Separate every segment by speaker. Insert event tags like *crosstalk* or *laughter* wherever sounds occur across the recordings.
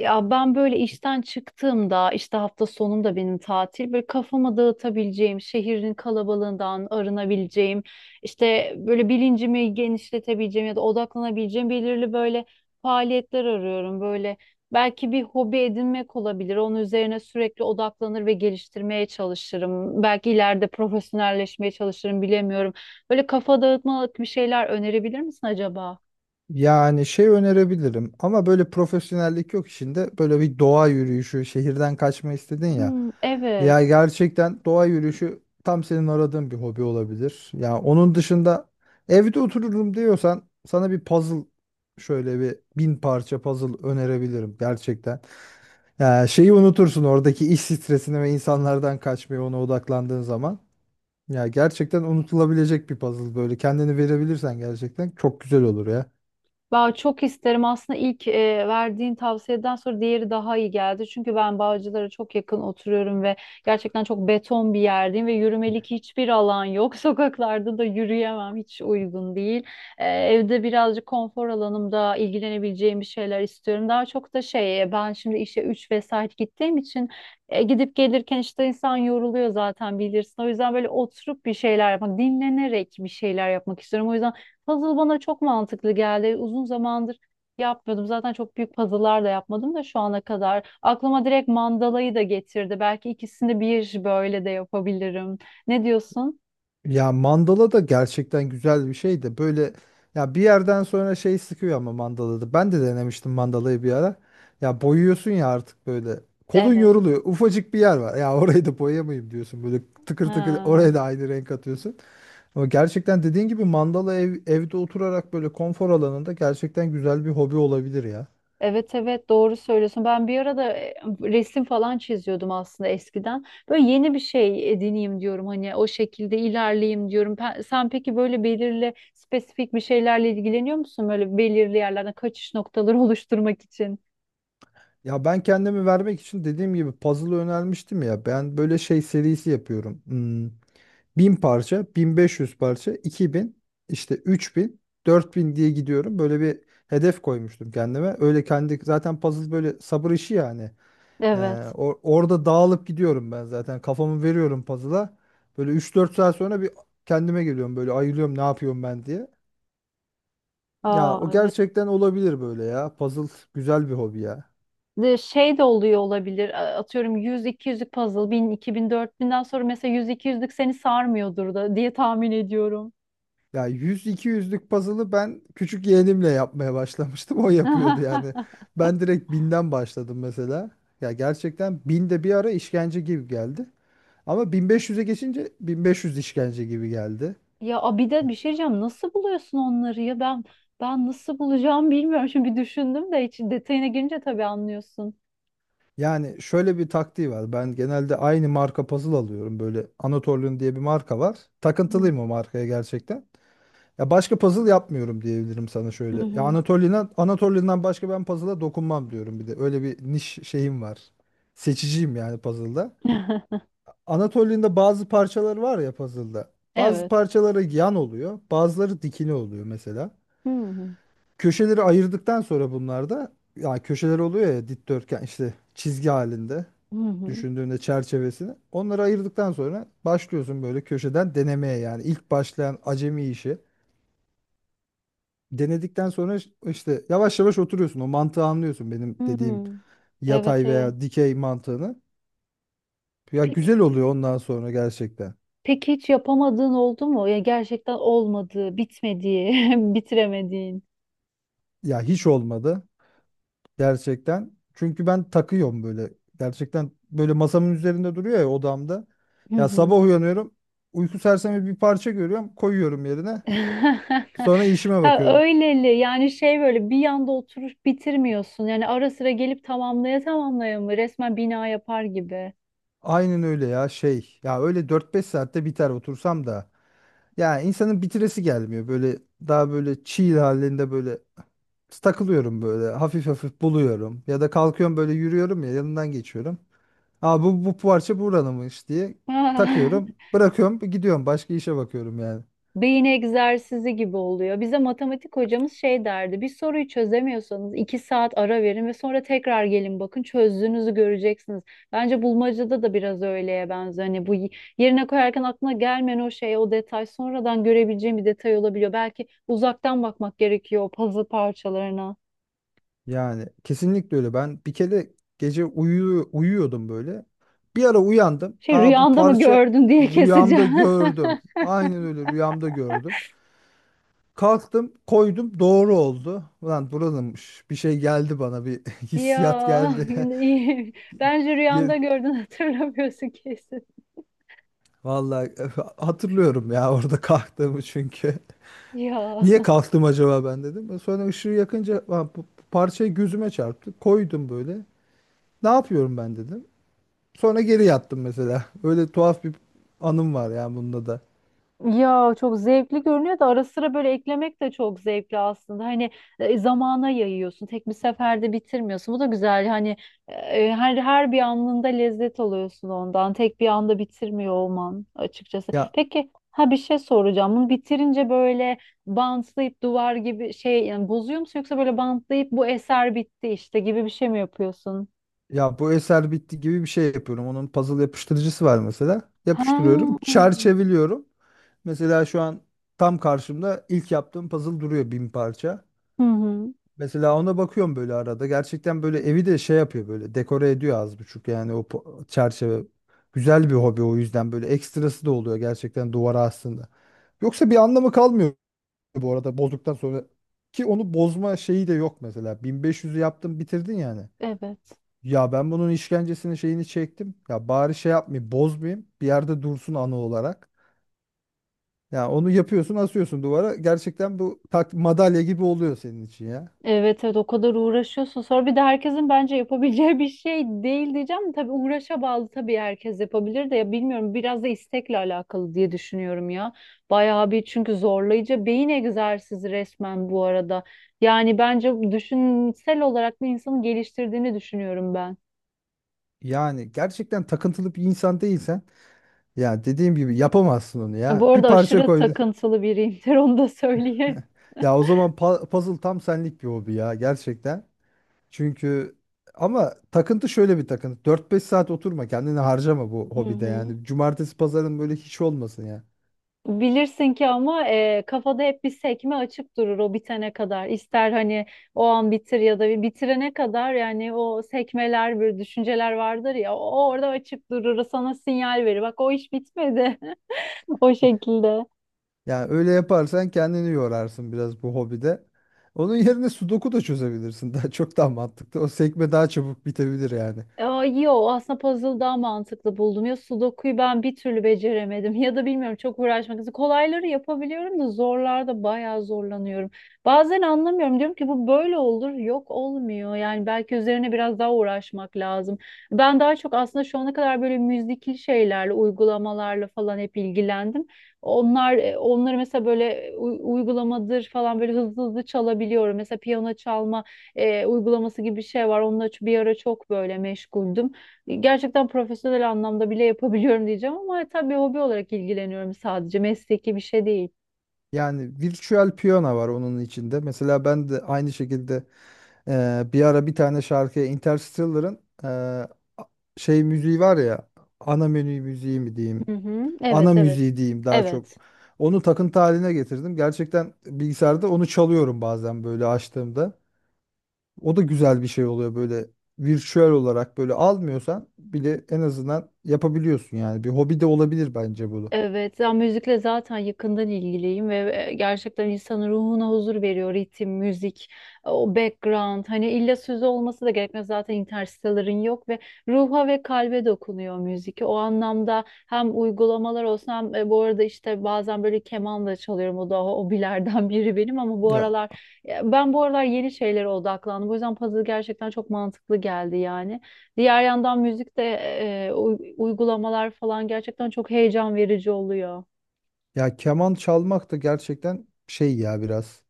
Speaker 1: Ya ben böyle işten çıktığımda işte hafta sonum da benim tatil böyle kafama dağıtabileceğim, şehrin kalabalığından arınabileceğim, işte böyle bilincimi genişletebileceğim ya da odaklanabileceğim belirli böyle faaliyetler arıyorum. Böyle belki bir hobi edinmek olabilir. Onun üzerine sürekli odaklanır ve geliştirmeye çalışırım. Belki ileride profesyonelleşmeye çalışırım, bilemiyorum. Böyle kafa dağıtmalık bir şeyler önerebilir misin acaba?
Speaker 2: Yani şey önerebilirim ama böyle profesyonellik yok işinde. Böyle bir doğa yürüyüşü, şehirden kaçma istedin ya.
Speaker 1: Hmm, evet.
Speaker 2: Ya gerçekten doğa yürüyüşü tam senin aradığın bir hobi olabilir. Ya onun dışında evde otururum diyorsan sana bir puzzle şöyle bir 1000 parça puzzle önerebilirim gerçekten. Ya şeyi unutursun oradaki iş stresini ve insanlardan kaçmayı ona odaklandığın zaman. Ya gerçekten unutulabilecek bir puzzle böyle kendini verebilirsen gerçekten çok güzel olur ya.
Speaker 1: Ben çok isterim aslında, ilk verdiğin tavsiyeden sonra diğeri daha iyi geldi. Çünkü ben Bağcılar'a çok yakın oturuyorum ve gerçekten çok beton bir yerdeyim ve yürümelik hiçbir alan yok. *laughs* Sokaklarda da yürüyemem, hiç uygun değil. Evde birazcık konfor alanımda ilgilenebileceğim bir şeyler istiyorum. Daha çok da şey, ben şimdi işe 3 vesaire gittiğim için gidip gelirken işte insan yoruluyor zaten, bilirsin. O yüzden böyle oturup bir şeyler yapmak, dinlenerek bir şeyler yapmak istiyorum. O yüzden puzzle bana çok mantıklı geldi. Uzun zamandır yapmıyordum. Zaten çok büyük puzzle'lar da yapmadım da şu ana kadar. Aklıma direkt mandalayı da getirdi. Belki ikisini bir böyle de yapabilirim. Ne diyorsun?
Speaker 2: Ya mandala da gerçekten güzel bir şey de böyle ya bir yerden sonra şey sıkıyor ama mandalada. Ben de denemiştim mandalayı bir ara. Ya boyuyorsun ya artık böyle. Kolun
Speaker 1: Evet.
Speaker 2: yoruluyor. Ufacık bir yer var. Ya *laughs* orayı da boyayamayayım diyorsun. Böyle tıkır tıkır
Speaker 1: Ha.
Speaker 2: oraya da aynı renk atıyorsun. Ama gerçekten dediğin gibi mandala evde oturarak böyle konfor alanında gerçekten güzel bir hobi olabilir ya.
Speaker 1: Evet, evet, doğru söylüyorsun. Ben bir arada resim falan çiziyordum aslında eskiden. Böyle yeni bir şey edineyim diyorum. Hani o şekilde ilerleyeyim diyorum. Sen peki böyle belirli spesifik bir şeylerle ilgileniyor musun? Böyle belirli yerlerden kaçış noktaları *laughs* oluşturmak için.
Speaker 2: Ya ben kendimi vermek için dediğim gibi puzzle önermiştim ya. Ben böyle şey serisi yapıyorum. Hmm. Bin parça, 1500 parça, 2000, işte 3000, 4000 diye gidiyorum. Böyle bir hedef koymuştum kendime. Öyle kendi zaten puzzle böyle sabır işi yani. Ee,
Speaker 1: Evet.
Speaker 2: Orada dağılıp gidiyorum ben zaten. Kafamı veriyorum puzzle'a. Böyle üç dört saat sonra bir kendime geliyorum böyle ayılıyorum ne yapıyorum ben diye. Ya
Speaker 1: Aa,
Speaker 2: o
Speaker 1: evet.
Speaker 2: gerçekten olabilir böyle ya. Puzzle güzel bir hobi ya.
Speaker 1: De şey de oluyor olabilir. Atıyorum, yüz iki 200'lük puzzle, bin, iki bin, dört binden sonra mesela yüz iki 200'lük seni sarmıyordur da diye tahmin ediyorum.
Speaker 2: Ya 100-200'lük puzzle'ı ben küçük yeğenimle yapmaya başlamıştım. *laughs* O yapıyordu yani.
Speaker 1: *laughs*
Speaker 2: Ben direkt binden başladım mesela. Ya gerçekten 1000 de bir ara işkence gibi geldi. Ama 1500'e geçince 1500 işkence gibi geldi.
Speaker 1: Ya bir de bir şey diyeceğim. Nasıl buluyorsun onları ya? Ben nasıl bulacağım bilmiyorum. Şimdi bir düşündüm de hiç, detayına girince tabii anlıyorsun.
Speaker 2: Yani şöyle bir taktiği var. Ben genelde aynı marka puzzle alıyorum. Böyle Anatolian diye bir marka var.
Speaker 1: Hı
Speaker 2: Takıntılıyım
Speaker 1: hı.
Speaker 2: o markaya gerçekten. Ya başka puzzle yapmıyorum diyebilirim sana şöyle.
Speaker 1: Hı
Speaker 2: Ya
Speaker 1: hı.
Speaker 2: Anatolia'dan başka ben puzzle'a dokunmam diyorum bir de. Öyle bir niş şeyim var. Seçiciyim yani puzzle'da.
Speaker 1: *laughs*
Speaker 2: Anatolia'nda bazı parçalar var ya puzzle'da. Bazı
Speaker 1: Evet.
Speaker 2: parçaları yan oluyor, bazıları dikine oluyor mesela.
Speaker 1: Hı hı.
Speaker 2: Köşeleri ayırdıktan sonra bunlarda ya köşeler oluyor ya dikdörtgen işte çizgi halinde
Speaker 1: Hı hı.
Speaker 2: düşündüğünde çerçevesini. Onları ayırdıktan sonra başlıyorsun böyle köşeden denemeye yani ilk başlayan acemi işi. Denedikten sonra işte yavaş yavaş oturuyorsun. O mantığı anlıyorsun benim
Speaker 1: Hı.
Speaker 2: dediğim
Speaker 1: Evet,
Speaker 2: yatay
Speaker 1: evet.
Speaker 2: veya dikey mantığını. Ya
Speaker 1: Peki,
Speaker 2: güzel oluyor ondan sonra gerçekten.
Speaker 1: peki hiç yapamadığın oldu mu? Ya gerçekten olmadı, bitmediği, *laughs* bitiremediğin.
Speaker 2: Ya hiç olmadı gerçekten. Çünkü ben takıyorum böyle. Gerçekten böyle masamın üzerinde duruyor ya odamda.
Speaker 1: Hı
Speaker 2: Ya
Speaker 1: hı.
Speaker 2: sabah uyanıyorum. Uyku sersemi bir parça görüyorum. Koyuyorum yerine. Sonra
Speaker 1: *laughs*
Speaker 2: işime
Speaker 1: Ha,
Speaker 2: bakıyorum.
Speaker 1: öyleli yani, şey, böyle bir yanda oturup bitirmiyorsun. Yani ara sıra gelip tamamlaya tamamlaya mı, resmen bina yapar gibi.
Speaker 2: Aynen öyle ya şey. Ya öyle dört beş saatte biter otursam da. Ya insanın bitiresi gelmiyor. Böyle daha böyle çiğ halinde böyle takılıyorum böyle hafif hafif buluyorum ya da kalkıyorum böyle yürüyorum ya yanından geçiyorum. Aa bu parça buranınmış diye
Speaker 1: *laughs*
Speaker 2: takıyorum, bırakıyorum, gidiyorum başka işe bakıyorum yani.
Speaker 1: Beyin egzersizi gibi oluyor. Bize matematik hocamız şey derdi: bir soruyu çözemiyorsanız 2 saat ara verin ve sonra tekrar gelin, bakın çözdüğünüzü göreceksiniz. Bence bulmacada da biraz öyleye benziyor. Hani bu yerine koyarken aklına gelmeyen o şey, o detay sonradan görebileceğim bir detay olabiliyor. Belki uzaktan bakmak gerekiyor o puzzle parçalarına.
Speaker 2: Yani kesinlikle öyle. Ben bir kere gece uyuyordum böyle. Bir ara uyandım.
Speaker 1: Şey,
Speaker 2: Aa bu
Speaker 1: rüyanda mı
Speaker 2: parça
Speaker 1: gördün diye
Speaker 2: rüyamda
Speaker 1: keseceğim. *laughs*
Speaker 2: gördüm. Aynen öyle rüyamda gördüm. Kalktım, koydum, doğru oldu. Ulan buranınmış. Bir şey geldi bana, bir *laughs* hissiyat
Speaker 1: Ya,
Speaker 2: geldi.
Speaker 1: yine iyi. Bence rüyanda
Speaker 2: *laughs*
Speaker 1: gördün, hatırlamıyorsun kesin.
Speaker 2: Vallahi *laughs* hatırlıyorum ya orada kalktığımı çünkü. *laughs*
Speaker 1: Ya.
Speaker 2: Niye kalktım acaba ben dedim. Sonra ışığı yakınca ha, parçayı gözüme çarptı. Koydum böyle. Ne yapıyorum ben dedim. Sonra geri yattım mesela. *laughs* Öyle tuhaf bir anım var ya bunda da.
Speaker 1: Ya çok zevkli görünüyor da ara sıra böyle eklemek de çok zevkli aslında. Hani zamana yayıyorsun. Tek bir seferde bitirmiyorsun. Bu da güzel. Hani her bir anında lezzet alıyorsun ondan. Tek bir anda bitirmiyor olman, açıkçası.
Speaker 2: Ya
Speaker 1: Peki, ha, bir şey soracağım. Bunu bitirince böyle bantlayıp duvar gibi şey, yani bozuyor musun, yoksa böyle bantlayıp bu eser bitti işte gibi bir şey mi yapıyorsun?
Speaker 2: ya bu eser bitti gibi bir şey yapıyorum. Onun puzzle yapıştırıcısı var mesela. Yapıştırıyorum,
Speaker 1: Ha.
Speaker 2: çerçeveliyorum. Mesela şu an tam karşımda ilk yaptığım puzzle duruyor 1000 parça.
Speaker 1: Hı hı.
Speaker 2: Mesela ona bakıyorum böyle arada. Gerçekten böyle evi de şey yapıyor böyle dekore ediyor az buçuk yani o çerçeve. Güzel bir hobi o yüzden böyle ekstrası da oluyor gerçekten duvara aslında. Yoksa bir anlamı kalmıyor bu arada bozduktan sonra. Ki onu bozma şeyi de yok mesela. 1500'ü yaptın bitirdin yani.
Speaker 1: Evet.
Speaker 2: Ya ben bunun işkencesini şeyini çektim. Ya bari şey yapmayayım bozmayayım. Bir yerde dursun anı olarak. Ya onu yapıyorsun asıyorsun duvara. Gerçekten bu tak madalya gibi oluyor senin için ya.
Speaker 1: Evet, evet, o kadar uğraşıyorsun. Sonra bir de herkesin bence yapabileceği *laughs* bir şey değil diyeceğim. De Tabii uğraşa bağlı, tabii herkes yapabilir de, ya bilmiyorum, biraz da istekle alakalı diye düşünüyorum ya. Bayağı bir, çünkü zorlayıcı beyin egzersizi resmen bu arada. Yani bence düşünsel olarak da insanı geliştirdiğini düşünüyorum ben.
Speaker 2: Yani gerçekten takıntılı bir insan değilsen ya dediğim gibi yapamazsın onu
Speaker 1: Ya,
Speaker 2: ya.
Speaker 1: bu
Speaker 2: Bir
Speaker 1: arada
Speaker 2: parça
Speaker 1: aşırı
Speaker 2: koydun.
Speaker 1: takıntılı biriyimdir, *laughs* onu da söyleyeyim.
Speaker 2: Ya o zaman puzzle tam senlik bir hobi ya gerçekten. Çünkü ama takıntı şöyle bir takıntı. Dört beş saat oturma kendini harcama bu
Speaker 1: Hı
Speaker 2: hobide
Speaker 1: hı.
Speaker 2: yani. Cumartesi pazarın böyle hiç olmasın ya.
Speaker 1: Bilirsin ki ama kafada hep bir sekme açık durur o bitene kadar. İster hani o an bitir ya da bir bitirene kadar, yani o sekmeler, böyle düşünceler vardır ya, o orada açık durur, sana sinyal verir. Bak, o iş bitmedi *laughs* o şekilde.
Speaker 2: Yani öyle yaparsan kendini yorarsın biraz bu hobide. Onun yerine sudoku da çözebilirsin. *laughs* Daha çok daha mantıklı. O sekme daha çabuk bitebilir yani.
Speaker 1: Aa, yo, aslında puzzle daha mantıklı buldum. Ya sudoku'yu ben bir türlü beceremedim, *laughs* ya da bilmiyorum, çok uğraşmak istedim. Kolayları yapabiliyorum da zorlarda bayağı zorlanıyorum. Bazen anlamıyorum, diyorum ki bu böyle olur, yok olmuyor. Yani belki üzerine biraz daha uğraşmak lazım. Ben daha çok aslında şu ana kadar böyle müzikli şeylerle, uygulamalarla falan hep ilgilendim. Onları mesela böyle uygulamadır falan, böyle hızlı hızlı çalabiliyorum. Mesela piyano çalma uygulaması gibi bir şey var. Onunla bir ara çok böyle meşguldüm. Gerçekten profesyonel anlamda bile yapabiliyorum diyeceğim ama tabii hobi olarak ilgileniyorum sadece. Mesleki bir şey değil.
Speaker 2: Yani virtual piyano var onun içinde. Mesela ben de aynı şekilde bir ara bir tane şarkıya Interstellar'ın e, a- şey müziği var ya, ana menü müziği mi diyeyim,
Speaker 1: Hı hı.
Speaker 2: ana
Speaker 1: Evet, evet.
Speaker 2: müziği diyeyim daha çok,
Speaker 1: Evet.
Speaker 2: onu takıntı haline getirdim gerçekten. Bilgisayarda onu çalıyorum bazen böyle açtığımda. O da güzel bir şey oluyor böyle. Virtüel olarak böyle almıyorsan bile en azından yapabiliyorsun yani, bir hobi de olabilir bence bunu.
Speaker 1: Evet, ya müzikle zaten yakından ilgiliyim ve gerçekten insanın ruhuna huzur veriyor ritim, müzik, o background. Hani illa sözü olması da gerekmez, zaten interstellar'ın yok, ve ruha ve kalbe dokunuyor müzik. O anlamda hem uygulamalar olsun hem bu arada işte bazen böyle keman da çalıyorum. O da hobilerden *laughs* biri benim, ama bu
Speaker 2: ya
Speaker 1: aralar, ya ben bu aralar yeni şeylere odaklandım. O yüzden puzzle gerçekten çok mantıklı geldi yani. Diğer yandan müzikte uygulamalar falan gerçekten çok heyecan verici oluyor.
Speaker 2: ya keman çalmak da gerçekten şey ya biraz.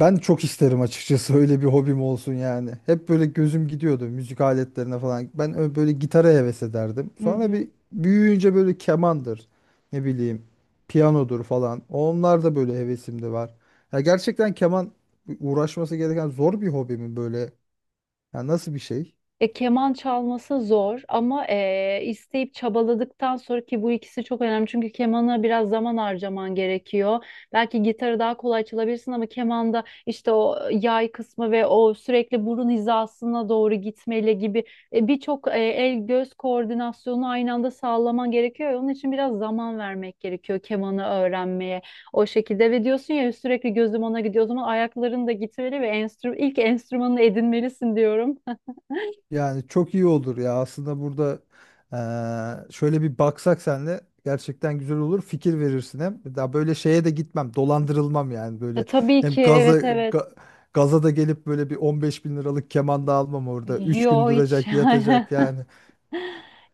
Speaker 2: Ben çok isterim açıkçası öyle bir hobim olsun yani. Hep böyle gözüm gidiyordu müzik aletlerine falan. Ben böyle gitara heves ederdim.
Speaker 1: Hı
Speaker 2: Sonra
Speaker 1: hı.
Speaker 2: bir büyüyünce böyle kemandır, ne bileyim, piyanodur falan. Onlar da böyle hevesimde var. Ya gerçekten keman uğraşması gereken zor bir hobi mi böyle? Ya nasıl bir şey?
Speaker 1: Keman çalması zor, ama isteyip çabaladıktan sonra, ki bu ikisi çok önemli. Çünkü kemana biraz zaman harcaman gerekiyor. Belki gitarı daha kolay çalabilirsin ama kemanda işte o yay kısmı ve o sürekli burun hizasına doğru gitmeyle gibi birçok el göz koordinasyonu aynı anda sağlaman gerekiyor. Onun için biraz zaman vermek gerekiyor kemanı öğrenmeye. O şekilde, ve diyorsun ya sürekli gözüm ona gidiyor. O zaman ayakların da gitmeli ve ilk enstrümanını edinmelisin diyorum.
Speaker 2: Yani çok iyi olur ya. Aslında burada şöyle bir baksak senle gerçekten güzel olur. Fikir verirsin hem. Daha böyle şeye de gitmem. Dolandırılmam yani
Speaker 1: E,
Speaker 2: böyle.
Speaker 1: tabii
Speaker 2: Hem
Speaker 1: ki, evet, evet.
Speaker 2: gaza da gelip böyle bir 15 bin liralık keman da almam orada. Üç gün
Speaker 1: Yo, hiç *laughs*
Speaker 2: duracak,
Speaker 1: yani.
Speaker 2: yatacak yani.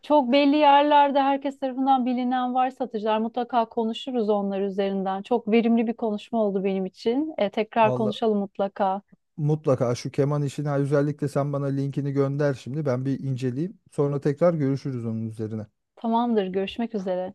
Speaker 1: Çok belli yerlerde herkes tarafından bilinen var satıcılar. Mutlaka konuşuruz onlar üzerinden. Çok verimli bir konuşma oldu benim için. Tekrar
Speaker 2: Valla
Speaker 1: konuşalım mutlaka.
Speaker 2: mutlaka şu keman işini ha, özellikle sen bana linkini gönder şimdi. Ben bir inceleyeyim. Sonra tekrar görüşürüz onun üzerine.
Speaker 1: Tamamdır, görüşmek üzere.